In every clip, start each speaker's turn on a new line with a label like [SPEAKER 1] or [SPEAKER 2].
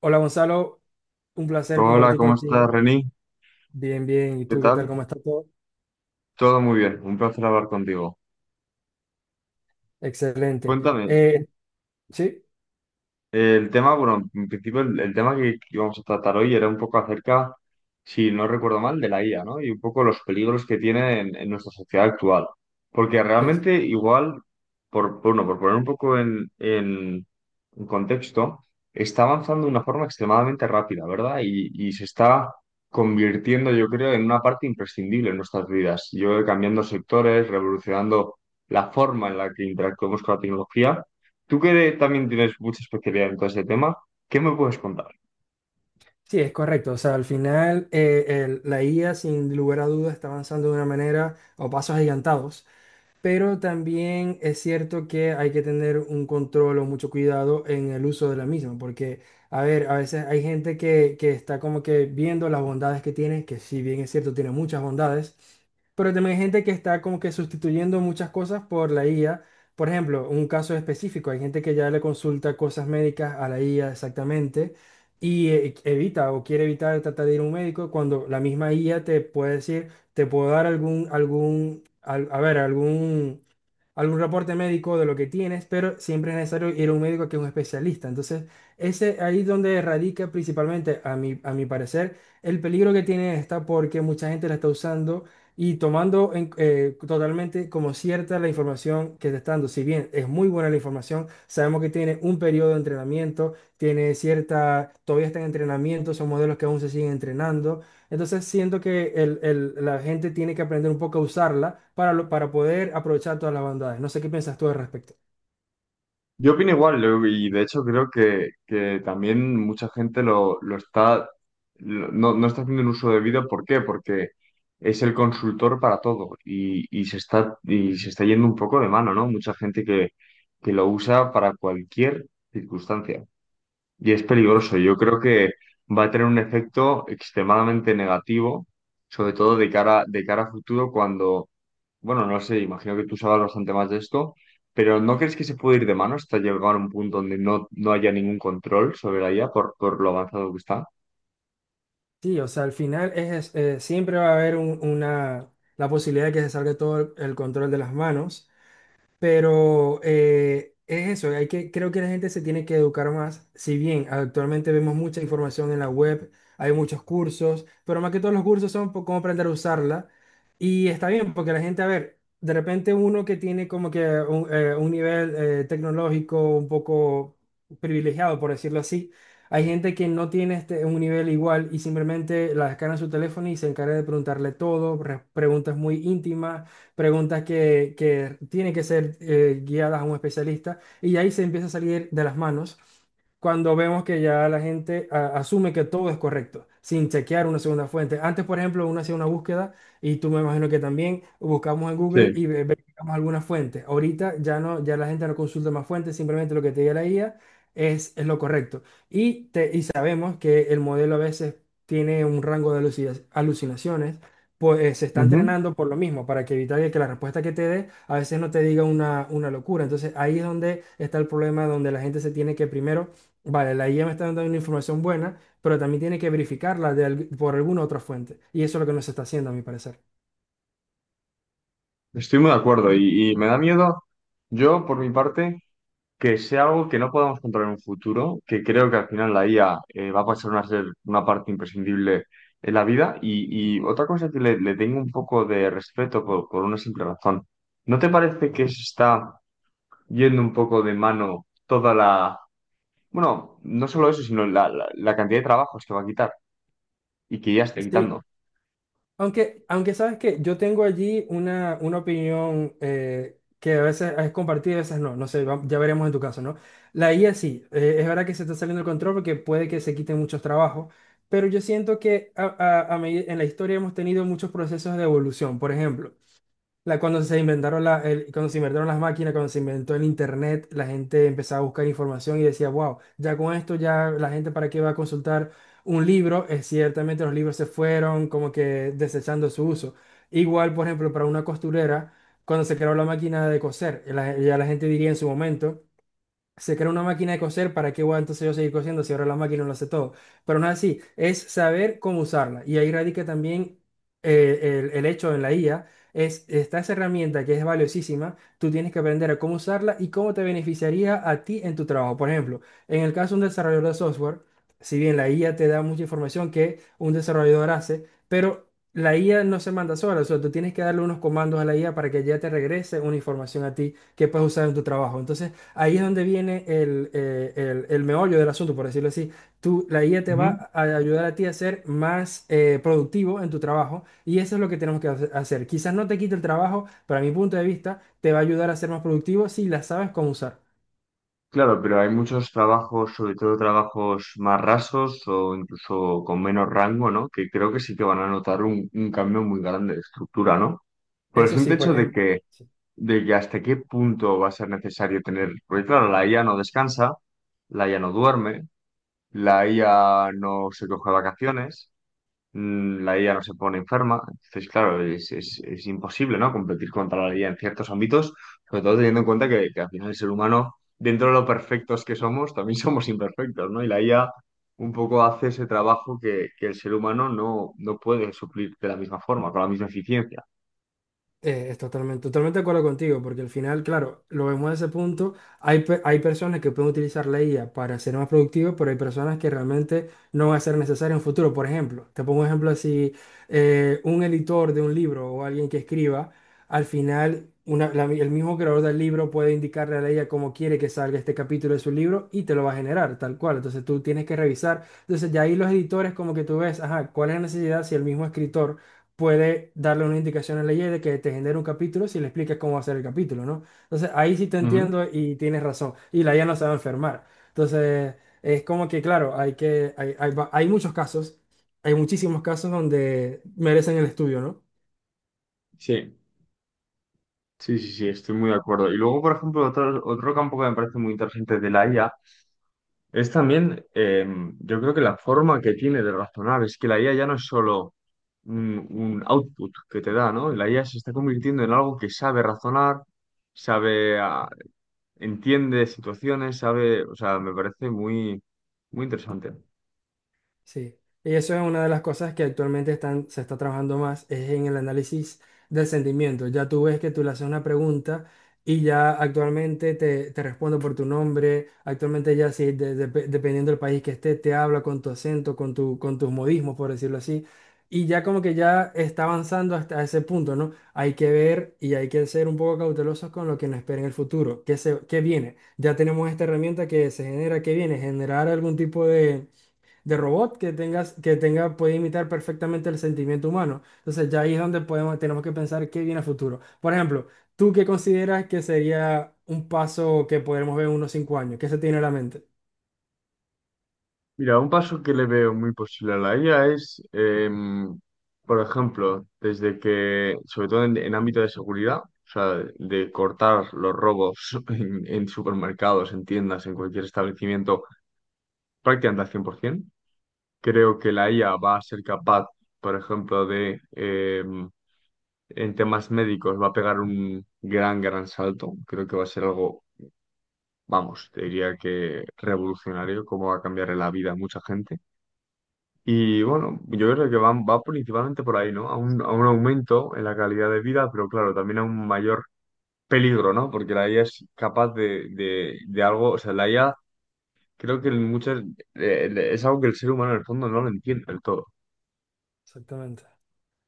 [SPEAKER 1] Hola Gonzalo, un placer
[SPEAKER 2] Hola,
[SPEAKER 1] compartir
[SPEAKER 2] ¿cómo estás,
[SPEAKER 1] contigo.
[SPEAKER 2] Reni?
[SPEAKER 1] Bien, bien. ¿Y
[SPEAKER 2] ¿Qué
[SPEAKER 1] tú qué tal?
[SPEAKER 2] tal?
[SPEAKER 1] ¿Cómo está todo?
[SPEAKER 2] Todo muy bien, un placer hablar contigo.
[SPEAKER 1] Excelente.
[SPEAKER 2] Cuéntame.
[SPEAKER 1] Eh, sí,
[SPEAKER 2] En principio el tema que íbamos a tratar hoy era un poco acerca, si no recuerdo mal, de la IA, ¿no? Y un poco los peligros que tiene en nuestra sociedad actual. Porque
[SPEAKER 1] es,
[SPEAKER 2] realmente igual, por poner un poco en contexto, está avanzando de una forma extremadamente rápida, ¿verdad? Y se está convirtiendo, yo creo, en una parte imprescindible en nuestras vidas. Yo cambiando sectores, revolucionando la forma en la que interactuamos con la tecnología. Tú que también tienes mucha especialidad en todo ese tema, ¿qué me puedes contar?
[SPEAKER 1] sí, es correcto. O sea, al final la IA sin lugar a dudas está avanzando de una manera o pasos agigantados. Pero también es cierto que hay que tener un control o mucho cuidado en el uso de la misma, porque, a ver, a veces hay gente que está como que viendo las bondades que tiene, que si bien es cierto, tiene muchas bondades, pero también hay gente que está como que sustituyendo muchas cosas por la IA. Por ejemplo, un caso específico, hay gente que ya le consulta cosas médicas a la IA exactamente y evita o quiere evitar tratar de ir a un médico cuando la misma IA te puede decir, te puedo dar algún, algún al- a ver, algún, algún reporte médico de lo que tienes, pero siempre es necesario ir a un médico que es un especialista. Entonces, ese ahí es donde radica principalmente, a mi parecer, el peligro que tiene esta, porque mucha gente la está usando y tomando totalmente como cierta la información que te está dando. Si bien es muy buena la información, sabemos que tiene un periodo de entrenamiento, tiene cierta, todavía está en entrenamiento, son modelos que aún se siguen entrenando. Entonces siento que la gente tiene que aprender un poco a usarla para poder aprovechar todas las bondades. No sé qué piensas tú al respecto.
[SPEAKER 2] Yo opino igual, y de hecho creo que también mucha gente lo está, no, no está haciendo un uso debido. ¿Por qué? Porque es el consultor para todo y se está, y se está yendo un poco de mano, ¿no? Mucha gente que lo usa para cualquier circunstancia. Y es peligroso. Yo creo que va a tener un efecto extremadamente negativo, sobre todo de cara a futuro, cuando, bueno, no sé, imagino que tú sabes bastante más de esto, pero ¿no crees que se puede ir de mano hasta llegar a un punto donde no haya ningún control sobre la IA por lo avanzado que está?
[SPEAKER 1] Sí, o sea, al final siempre va a haber la posibilidad de que se salga todo el control de las manos. Pero es eso, hay que, creo que la gente se tiene que educar más. Si bien actualmente vemos mucha información en la web, hay muchos cursos, pero más que todos los cursos son por cómo aprender a usarla. Y está bien, porque la gente, a ver, de repente uno que tiene como que un nivel tecnológico un poco privilegiado, por decirlo así, hay gente que no tiene este, un nivel igual y simplemente la descarga en su teléfono y se encarga de preguntarle todo, re- preguntas muy íntimas, preguntas que tienen que ser guiadas a un especialista y ahí se empieza a salir de las manos cuando vemos que ya la gente a- asume que todo es correcto, sin chequear una segunda fuente. Antes, por ejemplo, uno hacía una búsqueda y tú me imagino que también buscamos en Google
[SPEAKER 2] Sí.
[SPEAKER 1] y ve- verificamos alguna fuente. Ahorita ya no, ya la gente no consulta más fuentes, simplemente lo que te diga la IA es lo correcto. Y sabemos que el modelo a veces tiene un rango de alucina- alucinaciones, pues se está
[SPEAKER 2] Ujú.
[SPEAKER 1] entrenando por lo mismo, para que evitar que la respuesta que te dé a veces no te diga una locura. Entonces ahí es donde está el problema, donde la gente se tiene que primero, vale, la IA me está dando una información buena, pero también tiene que verificarla por alguna otra fuente. Y eso es lo que no se está haciendo, a mi parecer.
[SPEAKER 2] Estoy muy de acuerdo y me da miedo, yo por mi parte, que sea algo que no podamos controlar en un futuro, que creo que al final la IA va a pasar a ser una parte imprescindible en la vida y otra cosa que le tengo un poco de respeto por una simple razón. ¿No te parece que se está yendo un poco de mano toda la... Bueno, no solo eso, sino la cantidad de trabajos que va a quitar y que ya está
[SPEAKER 1] Sí.
[SPEAKER 2] quitando?
[SPEAKER 1] Aunque sabes que yo tengo allí una opinión que a veces es compartida, a veces no, no sé, va- ya veremos en tu caso, ¿no? La IA sí, es verdad que se está saliendo del control porque puede que se quiten muchos trabajos, pero yo siento que en la historia hemos tenido muchos procesos de evolución. Por ejemplo, la, cuando se inventaron la, el- cuando se inventaron las máquinas, cuando se inventó el internet, la gente empezaba a buscar información y decía, wow, ya con esto ya la gente para qué va a consultar un libro. Ciertamente los libros se fueron como que desechando su uso. Igual, por ejemplo, para una costurera, cuando se creó la máquina de coser, la- ya la gente diría en su momento, se crea una máquina de coser, ¿para qué voy a entonces yo seguir cosiendo si ahora la máquina lo hace todo? Pero no es así, es saber cómo usarla. Y ahí radica también el hecho en la IA, es, esta esa herramienta que es valiosísima, tú tienes que aprender a cómo usarla y cómo te beneficiaría a ti en tu trabajo. Por ejemplo, en el caso de un desarrollador de software, si bien la IA te da mucha información que un desarrollador hace, pero... La IA no se manda sola, o sea, tú tienes que darle unos comandos a la IA para que ya te regrese una información a ti que puedes usar en tu trabajo. Entonces, ahí es donde viene el meollo del asunto, por decirlo así. Tú, la IA te va a ayudar a ti a ser más productivo en tu trabajo y eso es lo que tenemos que hacer. Quizás no te quite el trabajo, pero a mi punto de vista te va a ayudar a ser más productivo si la sabes cómo usar.
[SPEAKER 2] Claro, pero hay muchos trabajos, sobre todo trabajos más rasos o incluso con menos rango, ¿no? Que creo que sí que van a notar un cambio muy grande de estructura, ¿no? Por el
[SPEAKER 1] Eso sí,
[SPEAKER 2] simple
[SPEAKER 1] por
[SPEAKER 2] hecho de
[SPEAKER 1] ejemplo.
[SPEAKER 2] que,
[SPEAKER 1] Sí.
[SPEAKER 2] de que hasta qué punto va a ser necesario tener, porque claro, la IA no descansa, la IA no duerme, la IA no se coge vacaciones, la IA no se pone enferma. Entonces, claro, es, es imposible, ¿no? Competir contra la IA en ciertos ámbitos, sobre todo teniendo en cuenta que al final el ser humano, dentro de lo perfectos que somos, también somos imperfectos, ¿no? Y la IA un poco hace ese trabajo que el ser humano no puede suplir de la misma forma, con la misma eficiencia.
[SPEAKER 1] Es totalmente, totalmente de acuerdo contigo, porque al final, claro, lo vemos desde ese punto, hay personas que pueden utilizar la IA para ser más productivos, pero hay personas que realmente no va a ser necesario en un futuro. Por ejemplo, te pongo un ejemplo así, un editor de un libro o alguien que escriba, al final el mismo creador del libro puede indicarle a la IA cómo quiere que salga este capítulo de su libro y te lo va a generar tal cual. Entonces tú tienes que revisar. Entonces ya ahí los editores como que tú ves, ajá, ¿cuál es la necesidad si el mismo escritor puede darle una indicación al ley de que te genere un capítulo si le explicas cómo va a ser el capítulo, ¿no? Entonces, ahí sí te
[SPEAKER 2] Ujú.
[SPEAKER 1] entiendo y tienes razón. Y la IA no se va a enfermar. Entonces, es como que, claro, hay que, hay, va- hay muchos casos, hay muchísimos casos donde merecen el estudio, ¿no?
[SPEAKER 2] Sí, sí, sí, sí, estoy muy de acuerdo. Y luego, por ejemplo, otro campo que me parece muy interesante de la IA es también. Yo creo que la forma que tiene de razonar es que la IA ya no es solo un output que te da, ¿no? La IA se está convirtiendo en algo que sabe razonar, sabe, entiende situaciones, sabe, o sea, me parece muy interesante.
[SPEAKER 1] Sí, y eso es una de las cosas que se está trabajando más, es en el análisis del sentimiento. Ya tú ves que tú le haces una pregunta y ya actualmente te respondo por tu nombre, actualmente ya sí, dependiendo del país que esté, te habla con tu acento, con tus modismos, por decirlo así, y ya como que ya está avanzando hasta ese punto, ¿no? Hay que ver y hay que ser un poco cautelosos con lo que nos espera en el futuro, qué viene. Ya tenemos esta herramienta que se genera, que viene, generar algún tipo de robot que tengas, que tenga, puede imitar perfectamente el sentimiento humano. Entonces ya ahí es donde podemos, tenemos que pensar qué viene a futuro. Por ejemplo, ¿tú qué consideras que sería un paso que podremos ver en unos 5 años? ¿Qué se tiene en la mente?
[SPEAKER 2] Mira, un paso que le veo muy posible a la IA es, por ejemplo, desde que, sobre todo en ámbito de seguridad, o sea, de cortar los robos en supermercados, en tiendas, en cualquier establecimiento prácticamente al 100%. Creo que la IA va a ser capaz, por ejemplo, en temas médicos, va a pegar un gran salto. Creo que va a ser algo, vamos, te diría que revolucionario, cómo va a cambiar la vida a mucha gente. Y bueno, yo creo que va principalmente por ahí, ¿no? A a un aumento en la calidad de vida, pero claro, también a un mayor peligro, ¿no? Porque la IA es capaz de algo, o sea, la IA creo que en muchas, es algo que el ser humano en el fondo no lo entiende del todo.
[SPEAKER 1] Exactamente.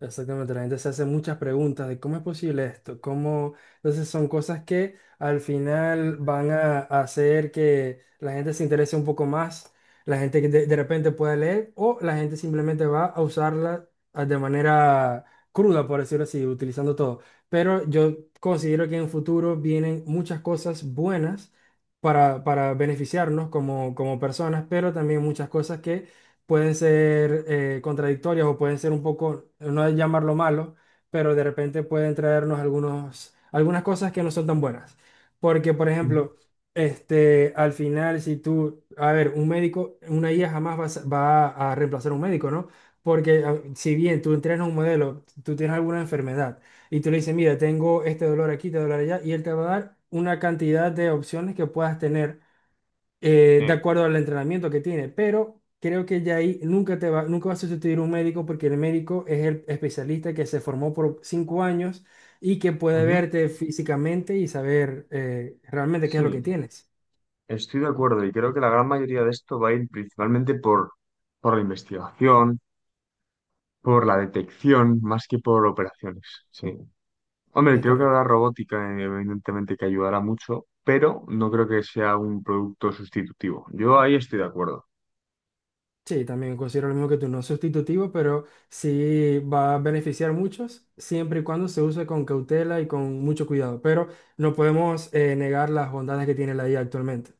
[SPEAKER 1] Exactamente, la gente se hace muchas preguntas de cómo es posible esto, cómo... Entonces son cosas que al final van a hacer que la gente se interese un poco más, la gente de repente pueda leer o la gente simplemente va a usarla de manera cruda, por decirlo así, utilizando todo. Pero yo considero que en futuro vienen muchas cosas buenas para beneficiarnos como, como personas, pero también muchas cosas que pueden ser contradictorias o pueden ser un poco, no es llamarlo malo, pero de repente pueden traernos algunos, algunas cosas que no son tan buenas. Porque, por ejemplo, este, al final, si tú, a ver, un médico, una IA jamás va a reemplazar a un médico, ¿no? Porque a- si bien tú entrenas un modelo, tú tienes alguna enfermedad y tú le dices, mira, tengo este dolor aquí, este dolor allá, y él te va a dar una cantidad de opciones que puedas tener de
[SPEAKER 2] Sí,
[SPEAKER 1] acuerdo al entrenamiento que tiene, pero creo que ya ahí nunca va a sustituir un médico porque el médico es el especialista que se formó por 5 años y que puede
[SPEAKER 2] ujú.
[SPEAKER 1] verte físicamente y saber realmente qué es lo que
[SPEAKER 2] Sí,
[SPEAKER 1] tienes.
[SPEAKER 2] estoy de acuerdo y creo que la gran mayoría de esto va a ir principalmente por la investigación, por la detección, más que por operaciones. Sí. Hombre,
[SPEAKER 1] Es
[SPEAKER 2] creo que habrá
[SPEAKER 1] correcto.
[SPEAKER 2] robótica, evidentemente, que ayudará mucho, pero no creo que sea un producto sustitutivo. Yo ahí estoy de acuerdo.
[SPEAKER 1] Sí, también considero lo mismo que tú, no sustitutivo, pero sí va a beneficiar a muchos siempre y cuando se use con cautela y con mucho cuidado, pero no podemos negar las bondades que tiene la IA actualmente.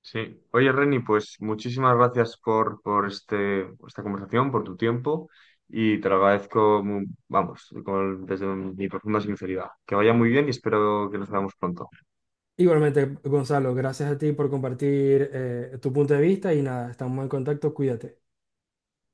[SPEAKER 2] Sí. Oye, Reni, pues muchísimas gracias por este, esta conversación, por tu tiempo y te lo agradezco, vamos, desde mi profunda sinceridad. Que vaya muy bien y espero que nos veamos pronto.
[SPEAKER 1] Igualmente, Gonzalo, gracias a ti por compartir tu punto de vista y nada, estamos en contacto, cuídate.